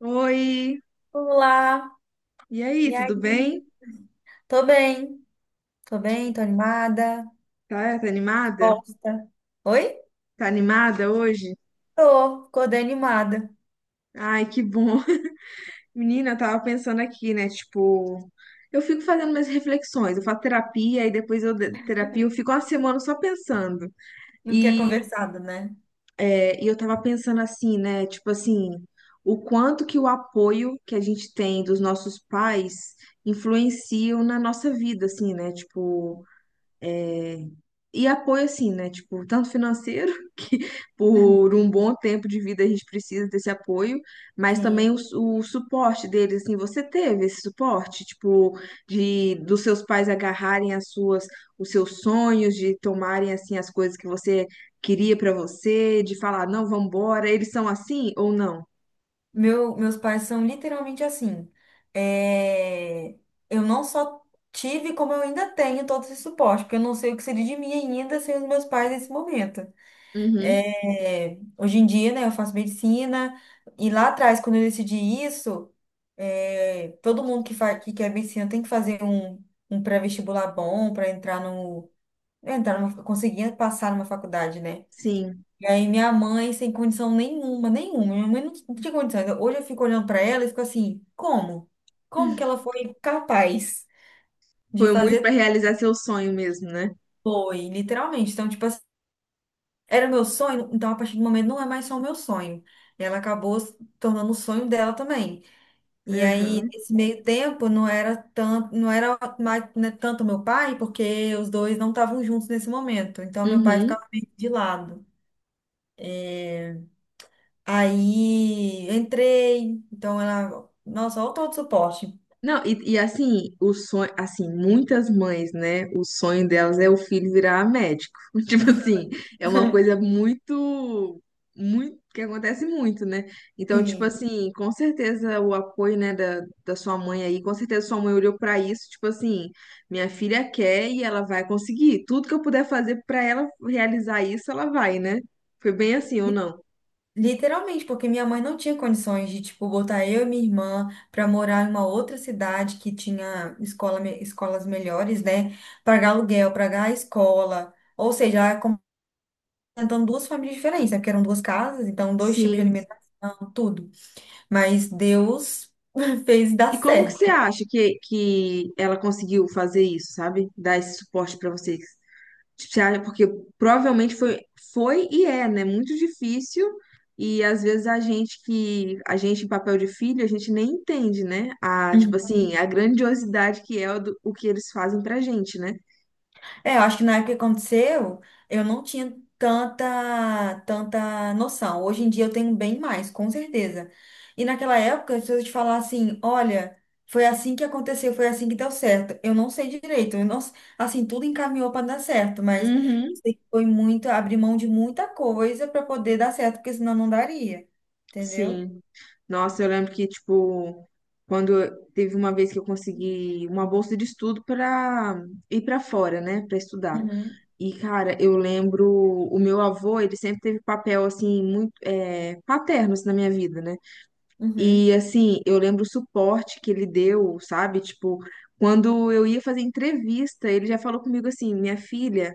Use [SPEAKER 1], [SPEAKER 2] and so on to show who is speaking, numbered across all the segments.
[SPEAKER 1] Oi,
[SPEAKER 2] Olá,
[SPEAKER 1] e aí,
[SPEAKER 2] e
[SPEAKER 1] tudo bem?
[SPEAKER 2] aí? Tô bem, tô bem, tô animada.
[SPEAKER 1] Tá, tá animada?
[SPEAKER 2] Gosta? Oi?
[SPEAKER 1] Tá animada hoje?
[SPEAKER 2] Tô, acordei animada.
[SPEAKER 1] Ai, que bom. Menina, eu tava pensando aqui, né? Tipo, eu fico fazendo minhas reflexões, eu faço terapia e depois terapia, eu fico uma semana só pensando.
[SPEAKER 2] Não que é
[SPEAKER 1] E,
[SPEAKER 2] conversado, né?
[SPEAKER 1] e eu tava pensando assim, né? Tipo assim, o quanto que o apoio que a gente tem dos nossos pais influenciam na nossa vida, assim, né? Tipo, e apoio, assim, né? Tipo, tanto financeiro, que por um bom tempo de vida a gente precisa desse apoio, mas também
[SPEAKER 2] Sim.
[SPEAKER 1] o suporte deles, assim, você teve esse suporte, tipo, de dos seus pais agarrarem os seus sonhos, de tomarem, assim, as coisas que você queria pra você, de falar, não, vambora, eles são assim ou não?
[SPEAKER 2] Meus pais são literalmente assim. É, Eu não só tive, como eu ainda tenho todo esse suporte, porque eu não sei o que seria de mim ainda sem os meus pais nesse momento.
[SPEAKER 1] Uhum,
[SPEAKER 2] Hoje em dia, né, eu faço medicina, e lá atrás, quando eu decidi isso, todo mundo faz, que quer medicina tem que fazer um pré-vestibular bom para entrar no, entrar numa, conseguir passar numa faculdade, né?
[SPEAKER 1] sim.
[SPEAKER 2] E aí minha mãe, sem condição nenhuma, nenhuma, minha mãe não, não tinha condição. Hoje eu fico olhando para ela e fico assim, como? Como que ela foi capaz de
[SPEAKER 1] Foi muito
[SPEAKER 2] fazer?
[SPEAKER 1] pra realizar seu sonho mesmo, né?
[SPEAKER 2] Foi, literalmente. Então, tipo era o meu sonho, então a partir do momento não é mais só o meu sonho. Ela acabou se tornando o sonho dela também. E aí,
[SPEAKER 1] Aham.
[SPEAKER 2] nesse meio tempo, não era tanto, não era mais, né, tanto meu pai, porque os dois não estavam juntos nesse momento. Então, meu pai
[SPEAKER 1] Uhum.
[SPEAKER 2] ficava meio de lado. Aí, entrei, então ela, nossa, olha todo o suporte.
[SPEAKER 1] Não, e assim, o sonho, assim, muitas mães, né? O sonho delas é o filho virar médico. Tipo assim, é uma coisa muito, muito, que acontece muito, né? Então, tipo
[SPEAKER 2] Sim.
[SPEAKER 1] assim, com certeza o apoio, né, da sua mãe aí, com certeza sua mãe olhou pra isso, tipo assim, minha filha quer e ela vai conseguir. Tudo que eu puder fazer pra ela realizar isso, ela vai, né? Foi bem assim ou não?
[SPEAKER 2] Literalmente, porque minha mãe não tinha condições de, tipo, botar eu e minha irmã para morar em uma outra cidade que tinha escola, escolas melhores, né? Pagar aluguel, pagar a escola. Ou seja, ela complementando duas famílias diferentes, né? Porque eram duas casas, então dois tipos de
[SPEAKER 1] Sim.
[SPEAKER 2] alimentação, tudo. Mas Deus fez dar
[SPEAKER 1] E como que você
[SPEAKER 2] certo.
[SPEAKER 1] acha que ela conseguiu fazer isso, sabe? Dar esse suporte pra vocês? Tipo, porque provavelmente foi e é, né? Muito difícil. E às vezes a gente em papel de filho, a gente nem entende, né? Tipo
[SPEAKER 2] Uhum.
[SPEAKER 1] assim, a grandiosidade que é o que eles fazem pra gente, né?
[SPEAKER 2] É, eu acho que na época que aconteceu, eu não tinha tanta, tanta noção. Hoje em dia eu tenho bem mais, com certeza. E naquela época, se eu te falar assim, olha, foi assim que aconteceu, foi assim que deu certo. Eu não sei direito, eu não, assim, tudo encaminhou para dar certo, mas
[SPEAKER 1] Uhum,
[SPEAKER 2] sei que foi muito, abrir mão de muita coisa para poder dar certo, porque senão não daria, entendeu?
[SPEAKER 1] sim. Nossa, eu lembro que, tipo, teve uma vez que eu consegui uma bolsa de estudo para ir para fora, né? Para estudar.
[SPEAKER 2] Uhum,
[SPEAKER 1] E, cara, eu lembro, o meu avô, ele sempre teve papel, assim, muito paterno, assim, na minha vida, né?
[SPEAKER 2] uhum.
[SPEAKER 1] E, assim, eu lembro o suporte que ele deu, sabe? Tipo, quando eu ia fazer entrevista, ele já falou comigo assim, minha filha,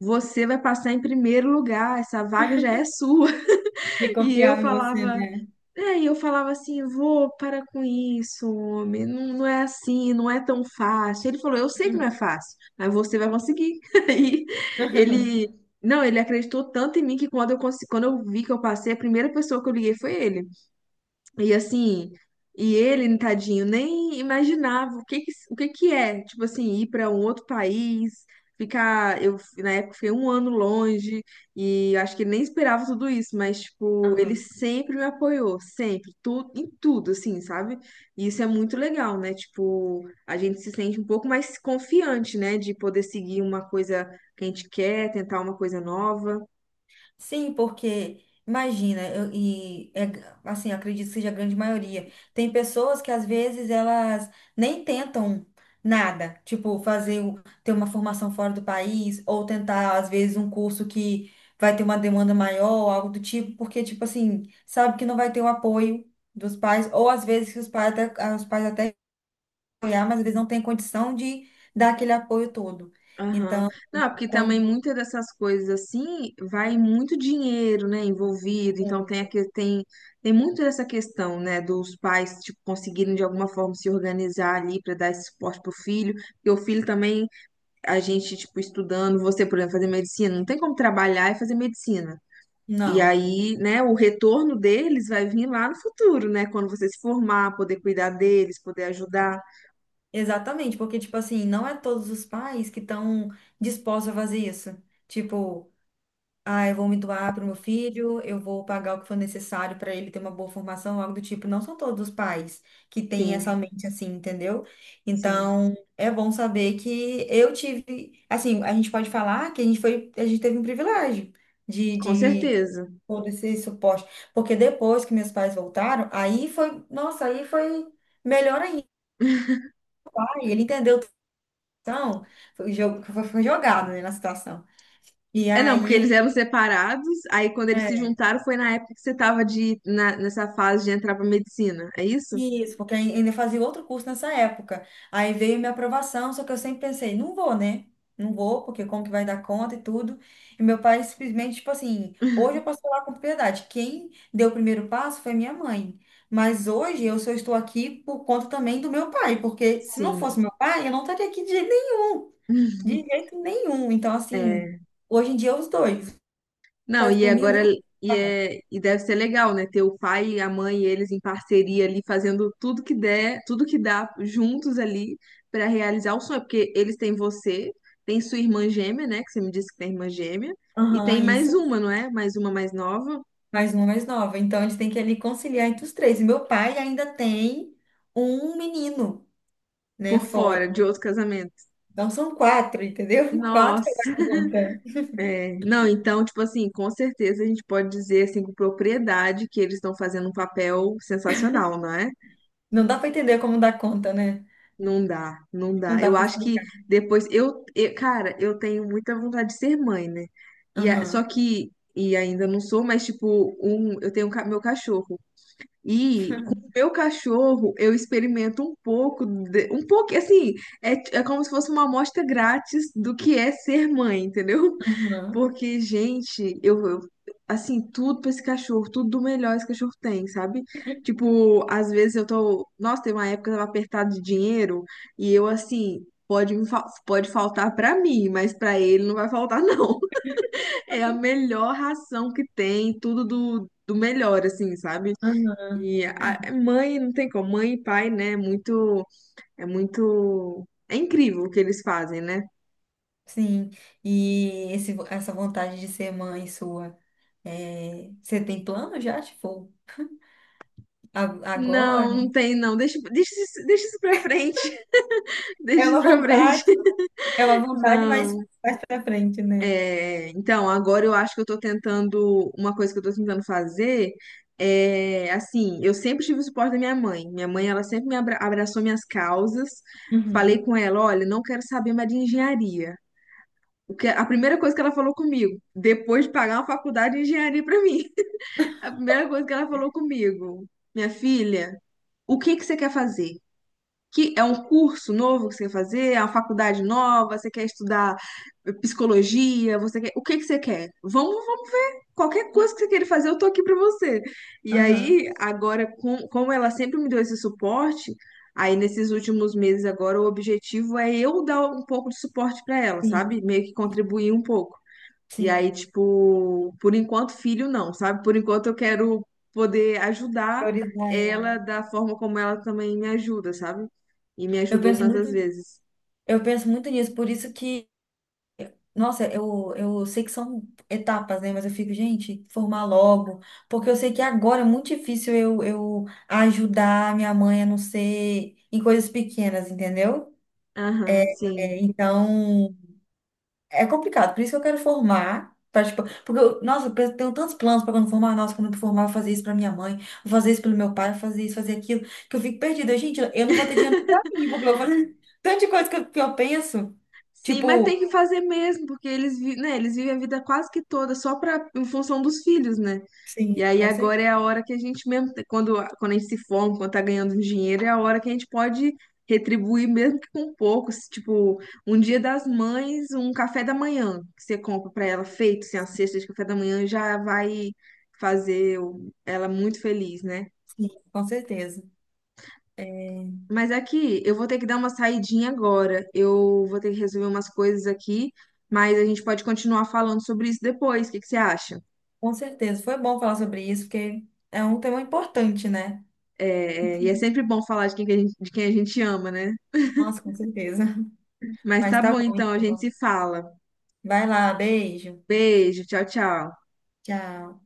[SPEAKER 1] você vai passar em primeiro lugar, essa vaga já é sua.
[SPEAKER 2] De
[SPEAKER 1] E eu
[SPEAKER 2] confiar em você,
[SPEAKER 1] falava,
[SPEAKER 2] né?
[SPEAKER 1] e eu falava assim, vô, para com isso, homem, não, não é assim, não é tão fácil. Ele falou, eu sei que não é fácil, mas você vai conseguir. Aí ele, não, ele acreditou tanto em mim que quando eu vi que eu passei, a primeira pessoa que eu liguei foi ele. E assim, e ele, tadinho, nem imaginava o que que é, tipo assim, ir para um outro país, ficar, eu na época fiquei um ano longe e acho que ele nem esperava tudo isso, mas tipo, ele
[SPEAKER 2] Uhum.
[SPEAKER 1] sempre me apoiou, sempre, tudo, em tudo, assim, sabe? E isso é muito legal, né? Tipo, a gente se sente um pouco mais confiante, né, de poder seguir uma coisa que a gente quer, tentar uma coisa nova.
[SPEAKER 2] Sim, porque imagina, e é, assim, eu acredito que seja a grande maioria. Tem pessoas que às vezes elas nem tentam nada, tipo fazer ter uma formação fora do país ou tentar às vezes um curso que vai ter uma demanda maior, algo do tipo, porque tipo assim, sabe que não vai ter o apoio dos pais ou às vezes que os pais até, ah, os pais até apoiar, mas eles não têm condição de dar aquele apoio todo.
[SPEAKER 1] Aham.
[SPEAKER 2] Então,
[SPEAKER 1] Não, porque também
[SPEAKER 2] quando,
[SPEAKER 1] muitas dessas coisas assim vai muito dinheiro, né, envolvido. Então tem aqui tem tem muito dessa questão, né, dos pais tipo conseguirem de alguma forma se organizar ali para dar esse suporte pro filho. E o filho também a gente tipo estudando, você, por exemplo, fazer medicina, não tem como trabalhar e fazer medicina. E
[SPEAKER 2] não.
[SPEAKER 1] aí, né, o retorno deles vai vir lá no futuro, né, quando você se formar, poder cuidar deles, poder ajudar.
[SPEAKER 2] Exatamente, porque, tipo assim, não é todos os pais que estão dispostos a fazer isso. Tipo, ah, eu vou me doar para o meu filho, eu vou pagar o que for necessário para ele ter uma boa formação, algo do tipo. Não são todos os pais que têm essa
[SPEAKER 1] Sim,
[SPEAKER 2] mente assim, entendeu?
[SPEAKER 1] sim,
[SPEAKER 2] Então, é bom saber que eu tive, assim, a gente pode falar que a gente foi, a gente teve um privilégio
[SPEAKER 1] com
[SPEAKER 2] de
[SPEAKER 1] certeza.
[SPEAKER 2] todo esse suporte. Porque depois que meus pais voltaram, aí foi, nossa, aí foi melhor ainda. Aí ele entendeu situação, foi, foi jogado, né, na situação. E
[SPEAKER 1] É, não, porque
[SPEAKER 2] aí
[SPEAKER 1] eles
[SPEAKER 2] ele.
[SPEAKER 1] eram separados, aí quando eles se
[SPEAKER 2] É,
[SPEAKER 1] juntaram foi na época que você tava nessa fase de entrar pra medicina, é isso?
[SPEAKER 2] isso, porque ainda fazia outro curso nessa época. Aí veio minha aprovação, só que eu sempre pensei, não vou, né? Não vou, porque como que vai dar conta e tudo. E meu pai simplesmente, tipo assim, hoje eu posso falar com propriedade. Quem deu o primeiro passo foi minha mãe. Mas hoje eu só estou aqui por conta também do meu pai, porque se não
[SPEAKER 1] Sim.
[SPEAKER 2] fosse meu pai, eu não estaria aqui de jeito nenhum. De jeito nenhum. Então, assim,
[SPEAKER 1] É.
[SPEAKER 2] hoje em dia os dois.
[SPEAKER 1] Não,
[SPEAKER 2] Faz
[SPEAKER 1] e
[SPEAKER 2] por mim, eu
[SPEAKER 1] agora
[SPEAKER 2] nunca.
[SPEAKER 1] e deve ser legal, né? Ter o pai, a mãe e eles em parceria ali, fazendo tudo que der, tudo que dá juntos ali pra realizar o sonho, porque eles têm você, tem sua irmã gêmea, né? Que você me disse que tem irmã gêmea, e
[SPEAKER 2] Aham,
[SPEAKER 1] tem mais
[SPEAKER 2] isso.
[SPEAKER 1] uma, não é? Mais uma mais nova
[SPEAKER 2] Mais uma, mais nova. Então, eles têm que ali conciliar entre os três. E meu pai ainda tem um menino, né,
[SPEAKER 1] por
[SPEAKER 2] fora.
[SPEAKER 1] fora de outro casamento.
[SPEAKER 2] Então, são quatro, entendeu? Quatro pra
[SPEAKER 1] Nossa.
[SPEAKER 2] dar conta.
[SPEAKER 1] É, não, então, tipo assim, com certeza a gente pode dizer assim com propriedade que eles estão fazendo um papel sensacional, não é?
[SPEAKER 2] Não dá pra entender como dá conta, né?
[SPEAKER 1] Não dá, não
[SPEAKER 2] Não
[SPEAKER 1] dá.
[SPEAKER 2] dá
[SPEAKER 1] Eu
[SPEAKER 2] pra
[SPEAKER 1] acho que
[SPEAKER 2] explicar.
[SPEAKER 1] depois cara, eu tenho muita vontade de ser mãe, né? E a- só
[SPEAKER 2] Aham,
[SPEAKER 1] que e ainda não sou, mas tipo, eu tenho meu cachorro. E com o meu cachorro eu experimento um pouco assim, é, é como se fosse uma amostra grátis do que é ser mãe, entendeu?
[SPEAKER 2] aham,
[SPEAKER 1] Porque, gente, assim, tudo pra esse cachorro, tudo do melhor esse cachorro tem, sabe? Tipo, às vezes eu tô. Nossa, tem uma época que eu tava apertado de dinheiro e eu, assim, pode faltar pra mim, mas pra ele não vai faltar, não. É a melhor ração que tem, tudo do melhor, assim, sabe?
[SPEAKER 2] aham.
[SPEAKER 1] E a mãe, não tem como, mãe e pai, né? É muito. É muito. É incrível o que eles fazem, né?
[SPEAKER 2] Sim. E essa vontade de ser mãe sua, é, você tem plano já? Tipo, agora?
[SPEAKER 1] Não, não tem, não. Deixa isso pra frente. Deixa
[SPEAKER 2] É
[SPEAKER 1] isso
[SPEAKER 2] uma
[SPEAKER 1] pra frente.
[SPEAKER 2] vontade, é uma vontade,
[SPEAKER 1] Não.
[SPEAKER 2] mas mais pra frente, né?
[SPEAKER 1] É, então, agora eu acho que eu tô tentando. Uma coisa que eu tô tentando fazer é assim, eu sempre tive o suporte da minha mãe. Minha mãe, ela sempre me abraçou minhas causas. Falei
[SPEAKER 2] Uhum,
[SPEAKER 1] com ela, olha, não quero saber mais de engenharia. A primeira coisa que ela falou comigo, depois de pagar uma faculdade de engenharia pra mim, a primeira coisa que ela falou comigo, minha filha, o que que você quer fazer? Que é um curso novo que você quer fazer, é uma faculdade nova, você quer estudar psicologia, você quer, o que que você quer? Vamos, vamos ver. Qualquer coisa que você queira fazer, eu tô aqui pra você. E
[SPEAKER 2] aham,
[SPEAKER 1] aí, agora, como ela sempre me deu esse suporte, aí nesses últimos meses agora o objetivo é eu dar um pouco de suporte pra ela, sabe?
[SPEAKER 2] sim.
[SPEAKER 1] Meio que contribuir um pouco. E
[SPEAKER 2] Sim,
[SPEAKER 1] aí, tipo, por enquanto, filho não, sabe? Por enquanto, eu quero poder ajudar
[SPEAKER 2] priorizar
[SPEAKER 1] ela
[SPEAKER 2] ela.
[SPEAKER 1] da forma como ela também me ajuda, sabe? E me
[SPEAKER 2] Eu
[SPEAKER 1] ajudou
[SPEAKER 2] penso muito,
[SPEAKER 1] tantas vezes.
[SPEAKER 2] eu penso muito nisso, por isso que, nossa, eu sei que são etapas, né? Mas eu fico, gente, formar logo, porque eu sei que agora é muito difícil eu ajudar minha mãe a não ser em coisas pequenas, entendeu?
[SPEAKER 1] Aham,
[SPEAKER 2] É,
[SPEAKER 1] sim.
[SPEAKER 2] então, é complicado, por isso que eu quero formar. Pra, tipo, porque, eu, nossa, tenho tantos planos para quando formar. Nossa, quando eu formar, eu vou fazer isso para minha mãe, vou fazer isso pelo meu pai, vou fazer isso, fazer aquilo, que eu fico perdida. Gente, eu não vou ter dinheiro para mim, porque eu vou fazer tanta coisa que eu penso.
[SPEAKER 1] Sim, mas tem
[SPEAKER 2] Tipo,
[SPEAKER 1] que fazer mesmo, porque eles, vi- né, eles vivem a vida quase que toda só pra, em função dos filhos, né? E
[SPEAKER 2] sim,
[SPEAKER 1] aí
[SPEAKER 2] com cer-
[SPEAKER 1] agora é a hora que a gente mesmo, quando a gente se forma, quando tá ganhando um dinheiro, é a hora que a gente pode retribuir mesmo que com pouco, se, tipo, um dia das mães, um café da manhã que você compra pra ela feito, assim, a cesta de café da manhã já vai fazer ela muito feliz, né?
[SPEAKER 2] sim, com certeza. É,
[SPEAKER 1] Mas aqui, eu vou ter que dar uma saidinha agora. Eu vou ter que resolver umas coisas aqui, mas a gente pode continuar falando sobre isso depois. O que que você acha?
[SPEAKER 2] com certeza. Foi bom falar sobre isso, porque é um tema importante, né?
[SPEAKER 1] É sempre bom falar de quem a gente ama, né?
[SPEAKER 2] Nossa, com certeza.
[SPEAKER 1] Mas
[SPEAKER 2] Mas
[SPEAKER 1] tá
[SPEAKER 2] tá
[SPEAKER 1] bom,
[SPEAKER 2] bom,
[SPEAKER 1] então, a gente
[SPEAKER 2] então.
[SPEAKER 1] se fala.
[SPEAKER 2] Vai lá, beijo.
[SPEAKER 1] Beijo, tchau, tchau.
[SPEAKER 2] Tchau.